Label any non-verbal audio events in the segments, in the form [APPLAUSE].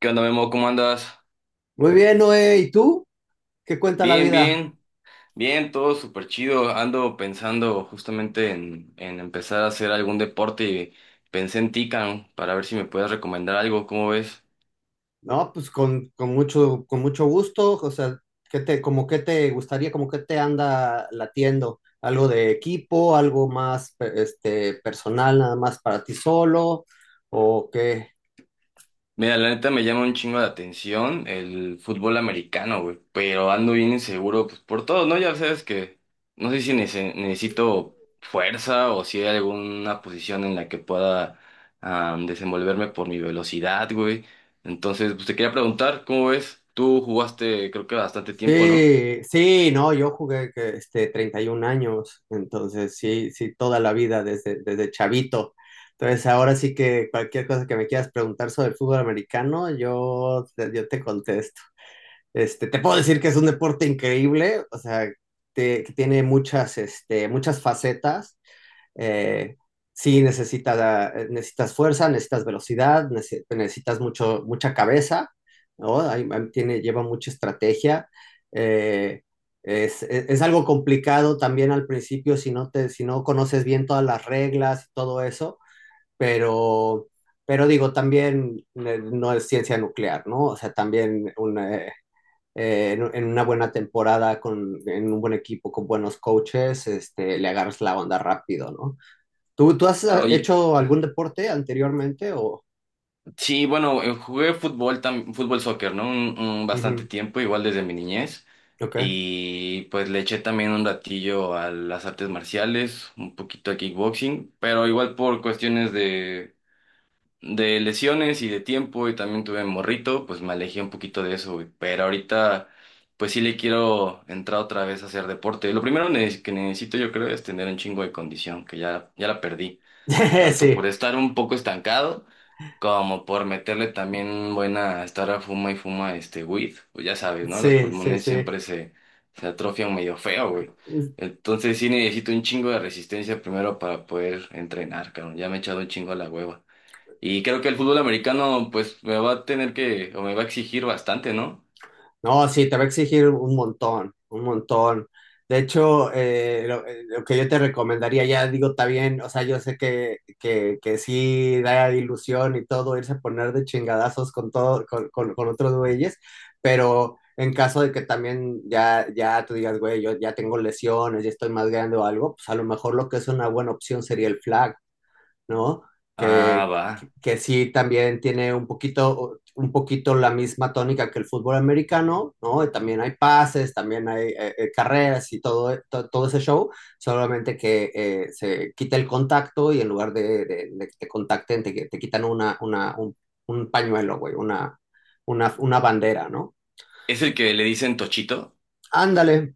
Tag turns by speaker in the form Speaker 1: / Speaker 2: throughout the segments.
Speaker 1: ¿Qué onda, Memo? ¿Cómo andas?
Speaker 2: Muy bien, Noé. ¿Y tú? ¿Qué cuenta la
Speaker 1: Bien,
Speaker 2: vida?
Speaker 1: bien, bien, todo súper chido. Ando pensando justamente en empezar a hacer algún deporte y pensé en ti, Cam, para ver si me puedes recomendar algo. ¿Cómo ves?
Speaker 2: No, pues con mucho, con mucho gusto. O sea, ¿qué te, como qué te gustaría, como qué te anda latiendo? ¿Algo de equipo, algo más personal, nada más para ti solo? ¿O qué?
Speaker 1: Mira, la neta me llama un chingo de atención el fútbol americano, güey, pero ando bien inseguro, pues por todo, ¿no? Ya sabes que no sé si necesito fuerza o si hay alguna posición en la que pueda desenvolverme por mi velocidad, güey. Entonces, pues te quería preguntar, ¿cómo ves? Tú jugaste creo que bastante tiempo, ¿no?
Speaker 2: Sí, sí, no, yo jugué que, 31 años, entonces sí, sí, toda la vida desde, desde chavito. Entonces ahora sí que cualquier cosa que me quieras preguntar sobre el fútbol americano, yo te contesto. Te puedo decir que es un deporte increíble, o sea, que tiene muchas, muchas facetas. Eh, sí, necesitas fuerza, necesitas velocidad, necesitas mucha cabeza, ¿no? Ahí tiene, lleva mucha estrategia. Eh, es algo complicado también al principio si no te, si no conoces bien todas las reglas y todo eso, pero, pero digo, también no es ciencia nuclear, ¿no? O sea, también en una buena temporada, en un buen equipo, con buenos coaches, le agarras la onda rápido, ¿no? ¿Tú has
Speaker 1: Ah, oye.
Speaker 2: hecho algún deporte anteriormente o...?
Speaker 1: Sí, bueno, jugué fútbol, fútbol soccer, ¿no? Un bastante
Speaker 2: Ujú.
Speaker 1: tiempo, igual desde mi niñez.
Speaker 2: Ok.
Speaker 1: Y pues le eché también un ratillo a las artes marciales, un poquito a kickboxing, pero igual por cuestiones de lesiones y de tiempo, y también tuve morrito, pues me alejé un poquito de eso, güey. Pero ahorita, pues sí le quiero entrar otra vez a hacer deporte. Lo primero que necesito, yo creo, es tener un chingo de condición, que ya la perdí
Speaker 2: [LAUGHS]
Speaker 1: tanto por
Speaker 2: Sí,
Speaker 1: estar un poco estancado como por meterle también buena, estar a fuma y fuma este weed, pues ya sabes, ¿no? Los
Speaker 2: sí, sí,
Speaker 1: pulmones
Speaker 2: sí.
Speaker 1: siempre se atrofian medio feo, güey. Entonces sí necesito un chingo de resistencia primero para poder entrenar, cabrón. Ya me he echado un chingo a la hueva. Y creo que el fútbol americano, pues me va a tener que, o me va a exigir bastante, ¿no?
Speaker 2: No, sí, te va a exigir un montón, un montón. De hecho, lo que yo te recomendaría, ya digo, está bien, o sea, yo sé que sí da ilusión y todo, irse a poner de chingadazos con todo, con otros güeyes, pero en caso de que también ya tú digas, güey, yo ya tengo lesiones, ya estoy más grande o algo, pues a lo mejor lo que es una buena opción sería el flag, ¿no?
Speaker 1: Ah,
Speaker 2: Que,
Speaker 1: va.
Speaker 2: que sí también tiene un poquito la misma tónica que el fútbol americano, ¿no? Y también hay pases, también hay carreras y todo, todo ese show, solamente que se quita el contacto y en lugar de, de que te contacten, te quitan un pañuelo, güey, una bandera, ¿no?
Speaker 1: ¿Es el que le dicen Tochito?
Speaker 2: Ándale,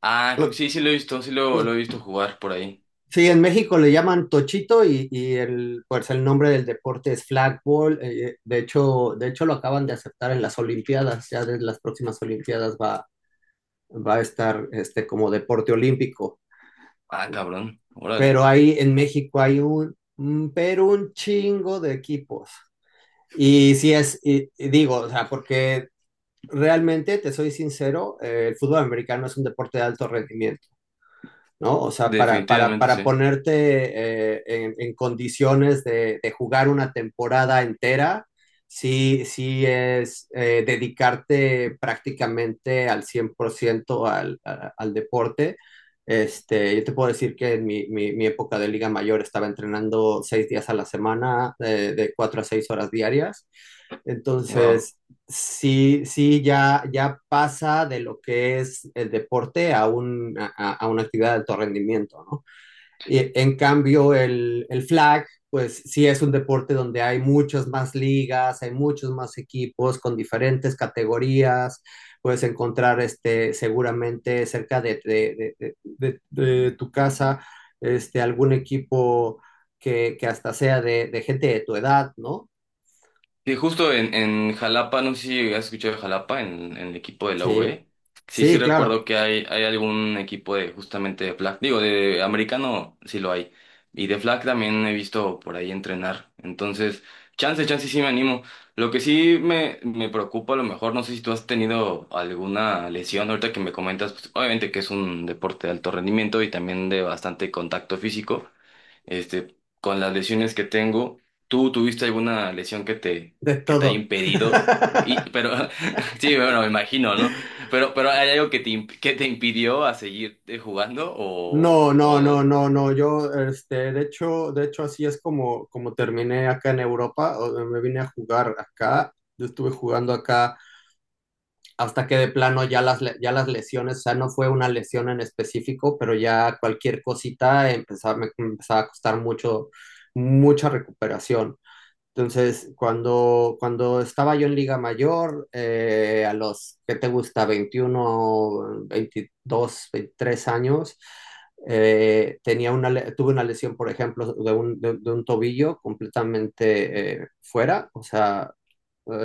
Speaker 1: Ah, creo que
Speaker 2: lo,
Speaker 1: sí, sí lo he visto, sí lo he
Speaker 2: lo.
Speaker 1: visto jugar por ahí.
Speaker 2: Sí, en México le llaman tochito y el, pues el nombre del deporte es flagball. De hecho, de hecho lo acaban de aceptar en las Olimpiadas. Ya desde las próximas Olimpiadas va a estar como deporte olímpico.
Speaker 1: Ah, cabrón, órale.
Speaker 2: Pero ahí en México hay pero un chingo de equipos. Y sí es, y digo, o sea, porque realmente te soy sincero, el fútbol americano es un deporte de alto rendimiento, ¿no? O sea,
Speaker 1: Definitivamente
Speaker 2: para
Speaker 1: sí.
Speaker 2: ponerte en condiciones de jugar una temporada entera, sí, sí es dedicarte prácticamente al 100% al deporte. Yo te puedo decir que en época de Liga Mayor estaba entrenando 6 días a la semana, de 4 a 6 horas diarias.
Speaker 1: Wow.
Speaker 2: Entonces, sí, sí, ya, ya pasa de lo que es el deporte a, a una actividad de alto rendimiento, ¿no? Y, en cambio, el flag, pues sí es un deporte donde hay muchas más ligas, hay muchos más equipos con diferentes categorías, puedes encontrar seguramente cerca de tu casa algún equipo que hasta sea de gente de tu edad, ¿no?
Speaker 1: Sí, justo en Jalapa, no sé si has escuchado de Jalapa, en el equipo de la
Speaker 2: Sí,
Speaker 1: UB. Sí, sí
Speaker 2: sí, claro,
Speaker 1: recuerdo que hay algún equipo de justamente de flag. Digo, de americano sí lo hay. Y de flag también he visto por ahí entrenar. Entonces, chance sí me animo. Lo que sí me preocupa a lo mejor, no sé si tú has tenido alguna lesión. Ahorita que me comentas, pues, obviamente que es un deporte de alto rendimiento y también de bastante contacto físico. Este, con las lesiones que tengo, ¿tú tuviste alguna lesión
Speaker 2: de
Speaker 1: que te haya
Speaker 2: todo.
Speaker 1: impedido? Y,
Speaker 2: [LAUGHS]
Speaker 1: pero, [LAUGHS] sí, bueno, me imagino, ¿no? Pero ¿hay algo que te, que te impidió a seguir jugando?
Speaker 2: No, no, no, no, no. Yo, de hecho, así es como terminé acá en Europa. Me vine a jugar acá. Yo estuve jugando acá hasta que de plano ya las lesiones, o sea, no fue una lesión en específico, pero ya cualquier cosita empezaba, me empezaba a costar mucho, mucha recuperación. Entonces, cuando estaba yo en Liga Mayor, a los, ¿qué te gusta? 21, 22, 23 años, tenía tuve una lesión, por ejemplo, de un tobillo completamente fuera, o sea,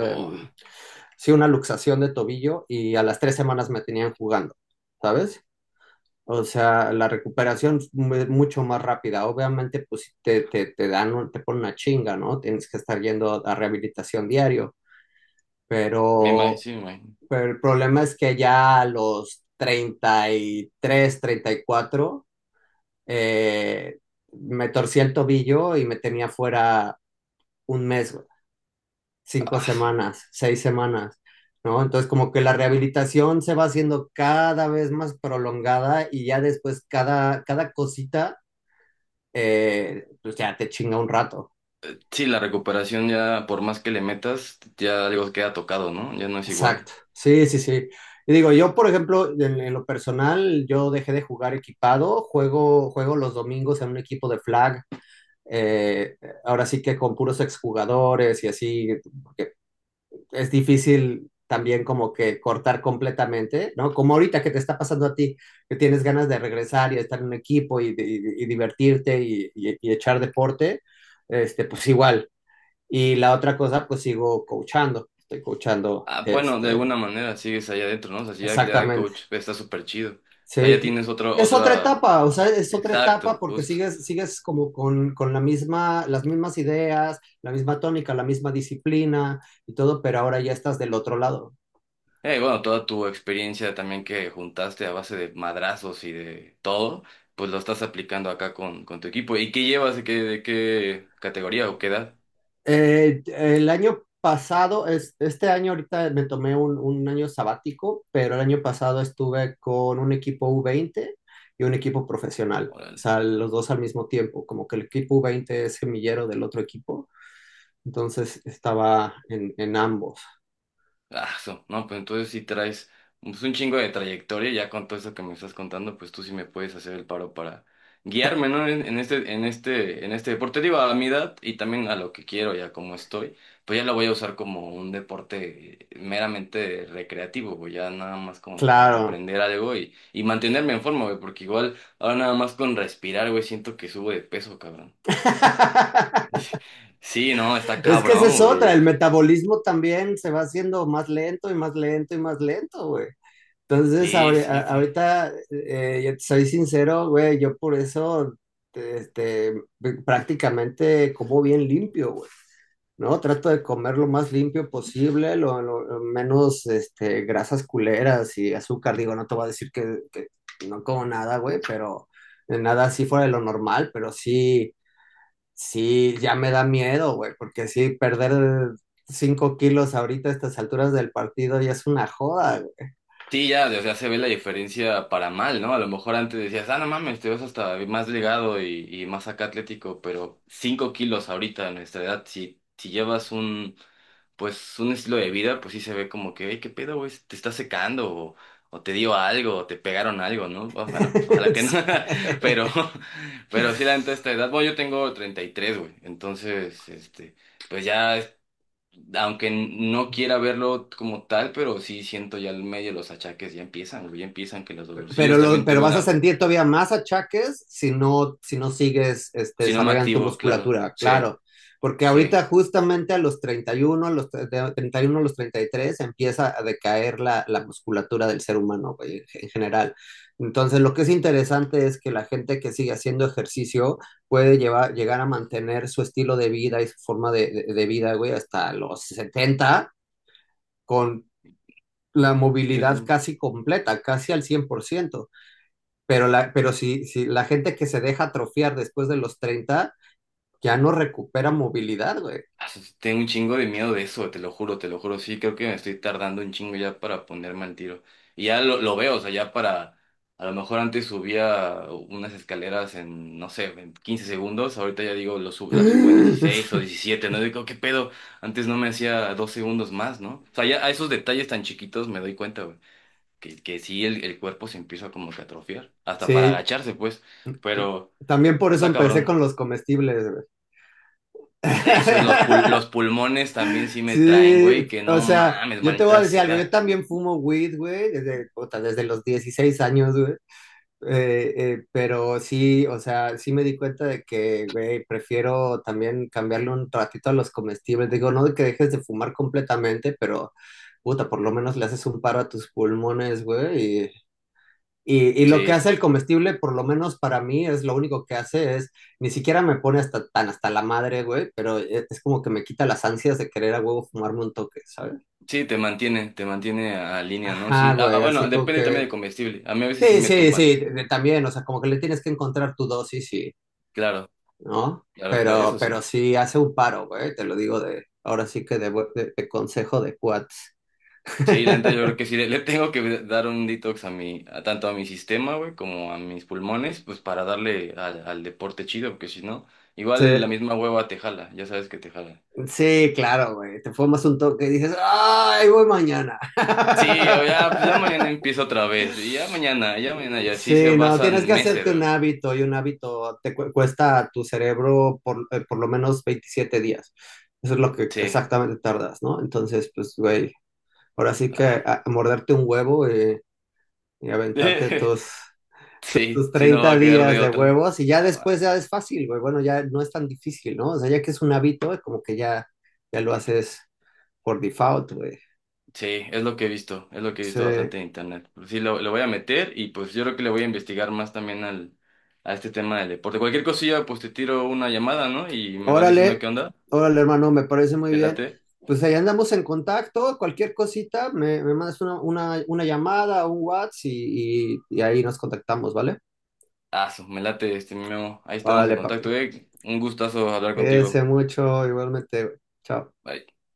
Speaker 1: O-
Speaker 2: sí, una luxación de tobillo y a las 3 semanas me tenían jugando, ¿sabes? O sea, la recuperación es mucho más rápida. Obviamente, pues sí te, te dan, te ponen una chinga, ¿no? Tienes que estar yendo a rehabilitación diario.
Speaker 1: me imagino,
Speaker 2: Pero,
Speaker 1: sí, me imagino.
Speaker 2: pero el problema es que ya a los 33, 34, eh, me torcí el tobillo y me tenía fuera un mes, güey, cinco
Speaker 1: Ah,
Speaker 2: semanas, 6 semanas, ¿no? Entonces, como que la rehabilitación se va haciendo cada vez más prolongada y ya después cada cosita pues ya te chinga un rato.
Speaker 1: sí, la recuperación ya, por más que le metas, ya algo queda tocado, ¿no? Ya no es igual.
Speaker 2: Exacto. Sí, sí, sí. Y digo, yo, por ejemplo, en lo personal, yo dejé de jugar equipado, juego los domingos en un equipo de flag, eh, ahora sí que con puros exjugadores y así, porque es difícil también como que cortar completamente, ¿no? Como ahorita que te está pasando a ti, que tienes ganas de regresar y estar en un equipo y divertirte y echar deporte, pues igual, y la otra cosa, pues sigo coachando, estoy coachando.
Speaker 1: Ah, bueno, de alguna manera sigues allá adentro, ¿no? O sea, si ya, ya de
Speaker 2: Exactamente.
Speaker 1: coach está súper chido. O sea,
Speaker 2: Sí,
Speaker 1: ya tienes otro,
Speaker 2: es otra
Speaker 1: otra...
Speaker 2: etapa, o sea,
Speaker 1: ah,
Speaker 2: es otra etapa
Speaker 1: exacto,
Speaker 2: porque
Speaker 1: justo.
Speaker 2: sigues, sigues como con la misma, las mismas ideas, la misma tónica, la misma disciplina y todo, pero ahora ya estás del otro lado.
Speaker 1: Bueno, toda tu experiencia también que juntaste a base de madrazos y de todo, pues lo estás aplicando acá con tu equipo. ¿Y qué llevas? De qué categoría o qué edad?
Speaker 2: El año pasado, es, este año ahorita me tomé un año sabático, pero el año pasado estuve con un equipo u veinte y un equipo profesional, o
Speaker 1: Órale.
Speaker 2: sea, los dos al mismo tiempo, como que el equipo u veinte es semillero del otro equipo, entonces estaba en ambos.
Speaker 1: Ah, so, no, pues entonces sí traes pues, un chingo de trayectoria, ya con todo eso que me estás contando, pues tú sí me puedes hacer el paro para guiarme, ¿no? En este, en este, en este deporte, digo, a mi edad y también a lo que quiero y a cómo estoy, pues ya lo voy a usar como un deporte meramente recreativo, güey, ya nada más como para
Speaker 2: Claro.
Speaker 1: aprender algo y mantenerme en forma, güey, porque igual ahora nada más con respirar, güey, siento que subo de peso, cabrón.
Speaker 2: [LAUGHS]
Speaker 1: [LAUGHS] Sí, no, está
Speaker 2: Es que esa
Speaker 1: cabrón,
Speaker 2: es otra,
Speaker 1: güey.
Speaker 2: el metabolismo también se va haciendo más lento y más lento y más lento, güey. Entonces,
Speaker 1: Sí, sí. Sí.
Speaker 2: ahorita, yo te soy sincero, güey, yo por eso, este, prácticamente como bien limpio, güey, ¿no? Trato de comer lo más limpio posible, lo menos, grasas culeras y azúcar. Digo, no te voy a decir que no como nada, güey, pero nada así fuera de lo normal, pero sí, sí, ya me da miedo, güey, porque sí, perder 5 kilos ahorita a estas alturas del partido ya es una joda, güey.
Speaker 1: Sí, ya, o sea, se ve la diferencia para mal, ¿no? A lo mejor antes decías, ah, no mames, te ves hasta más delgado y más acá atlético, pero 5 kilos ahorita a nuestra edad, si, si llevas un, pues, un estilo de vida, pues sí se ve como que, hey, qué pedo, güey, te está secando, o te dio algo, o te pegaron algo, ¿no? Bueno, ojalá que no, [LAUGHS] pero,
Speaker 2: [LAUGHS]
Speaker 1: pero sí, la neta, esta edad, bueno, yo tengo 33 güey, entonces, este, pues ya aunque no quiera verlo como tal, pero sí siento ya el medio los achaques ya empiezan, güey, ya empiezan que los
Speaker 2: Pero,
Speaker 1: dolorcillos también
Speaker 2: pero
Speaker 1: tuve
Speaker 2: vas a
Speaker 1: una,
Speaker 2: sentir todavía más achaques si no sigues
Speaker 1: si no me
Speaker 2: desarrollando tu
Speaker 1: activo, claro,
Speaker 2: musculatura,
Speaker 1: sí,
Speaker 2: claro. Porque ahorita
Speaker 1: sí.
Speaker 2: justamente a los 31 a los tre- de 31 a los 33 empieza a decaer la musculatura del ser humano, güey, en general. Entonces, lo que es interesante es que la gente que sigue haciendo ejercicio puede llegar a mantener su estilo de vida y su forma de vida, güey, hasta los 70 con la
Speaker 1: Eh,
Speaker 2: movilidad casi completa, casi al 100%. Pero, pero si, si la gente que se deja atrofiar después de los 30 ya no recupera movilidad, güey.
Speaker 1: Tengo un chingo de miedo de eso, te lo juro, te lo juro. Sí, creo que me estoy tardando un chingo ya para ponerme al tiro. Y ya lo veo, o sea, ya para... A lo mejor antes subía unas escaleras en, no sé, en 15 segundos. Ahorita ya digo, la subo en dieciséis o
Speaker 2: [GASPS]
Speaker 1: diecisiete ¿no? Digo, ¿qué pedo? Antes no me hacía 2 segundos más, ¿no? O sea, ya a esos detalles tan chiquitos me doy cuenta, güey. Que sí, el cuerpo se empieza como que a atrofiar. Hasta para
Speaker 2: Sí,
Speaker 1: agacharse, pues. Pero
Speaker 2: también por eso
Speaker 1: está
Speaker 2: empecé
Speaker 1: cabrón.
Speaker 2: con los comestibles, güey.
Speaker 1: Eso, los
Speaker 2: [LAUGHS]
Speaker 1: pulmones también sí me traen,
Speaker 2: Sí,
Speaker 1: güey, que
Speaker 2: o
Speaker 1: no
Speaker 2: sea,
Speaker 1: mames,
Speaker 2: yo te voy a
Speaker 1: manita
Speaker 2: decir algo, yo
Speaker 1: sea.
Speaker 2: también fumo weed, güey, desde, puta, desde los 16 años, güey. Pero sí, o sea, sí me di cuenta de que, güey, prefiero también cambiarle un ratito a los comestibles. Digo, no de que dejes de fumar completamente, pero puta, por lo menos le haces un paro a tus pulmones, güey. Y lo que
Speaker 1: Sí,
Speaker 2: hace el comestible, por lo menos para mí, es lo único que hace es, ni siquiera me pone hasta tan hasta la madre, güey, pero es como que me quita las ansias de querer a huevo fumarme un toque, ¿sabes?
Speaker 1: sí, te mantiene a línea, ¿no? Sí.
Speaker 2: Ajá,
Speaker 1: Ah,
Speaker 2: güey,
Speaker 1: ah, bueno,
Speaker 2: así como
Speaker 1: depende también
Speaker 2: que...
Speaker 1: del comestible. A mí a veces sí
Speaker 2: Sí,
Speaker 1: me
Speaker 2: sí,
Speaker 1: tumban.
Speaker 2: sí, también, o sea, como que le tienes que encontrar tu dosis,
Speaker 1: Claro,
Speaker 2: ¿no?
Speaker 1: claro, claro, eso sí.
Speaker 2: Pero sí hace un paro, güey, te lo digo de, ahora sí que de, de consejo de cuates.
Speaker 1: Sí, la neta
Speaker 2: [LAUGHS]
Speaker 1: yo creo que sí, le tengo que dar un detox a mi, a, tanto a mi sistema, güey, como a mis pulmones, pues para darle al, al deporte chido, porque si no,
Speaker 2: Sí,
Speaker 1: igual la misma hueva te jala, ya sabes que te jala.
Speaker 2: sí, claro, güey, te fumas un toque y dices, ¡ay, voy mañana!
Speaker 1: Sí, ya, ya, pues ya mañana
Speaker 2: [LAUGHS]
Speaker 1: empiezo otra vez, y ya mañana, y así se
Speaker 2: Sí, no, tienes
Speaker 1: pasan
Speaker 2: que
Speaker 1: meses,
Speaker 2: hacerte un
Speaker 1: güey.
Speaker 2: hábito y un hábito te cuesta a tu cerebro por lo menos 27 días. Eso es lo que
Speaker 1: Sí.
Speaker 2: exactamente tardas, ¿no? Entonces, pues, güey, ahora sí que
Speaker 1: Ah.
Speaker 2: a morderte un huevo y aventarte
Speaker 1: [LAUGHS]
Speaker 2: todos
Speaker 1: Sí,
Speaker 2: tus
Speaker 1: sí, no va
Speaker 2: 30
Speaker 1: a quedar
Speaker 2: días
Speaker 1: de
Speaker 2: de
Speaker 1: otra.
Speaker 2: huevos y ya
Speaker 1: Ah,
Speaker 2: después
Speaker 1: va.
Speaker 2: ya es fácil, güey. Bueno, ya no es tan difícil, ¿no? O sea, ya que es un hábito, como que ya, ya lo haces por default, güey.
Speaker 1: Sí, es lo que he visto, es lo que he
Speaker 2: Sí.
Speaker 1: visto bastante en internet. Pues sí, lo voy a meter y pues yo creo que le voy a investigar más también al, a este tema del deporte. Cualquier cosilla, pues te tiro una llamada, ¿no? Y me vas diciendo
Speaker 2: Órale,
Speaker 1: qué onda.
Speaker 2: órale, hermano, me parece muy
Speaker 1: ¿Te
Speaker 2: bien.
Speaker 1: late?
Speaker 2: Pues ahí andamos en contacto, cualquier cosita, me mandas una llamada, un WhatsApp y ahí nos contactamos, ¿vale?
Speaker 1: Ah, me late este mi Memo. Ahí estamos en
Speaker 2: Vale, papi.
Speaker 1: contacto, eh. Un gustazo hablar
Speaker 2: Cuídese
Speaker 1: contigo.
Speaker 2: mucho, igualmente, güey. Chao.
Speaker 1: Bye.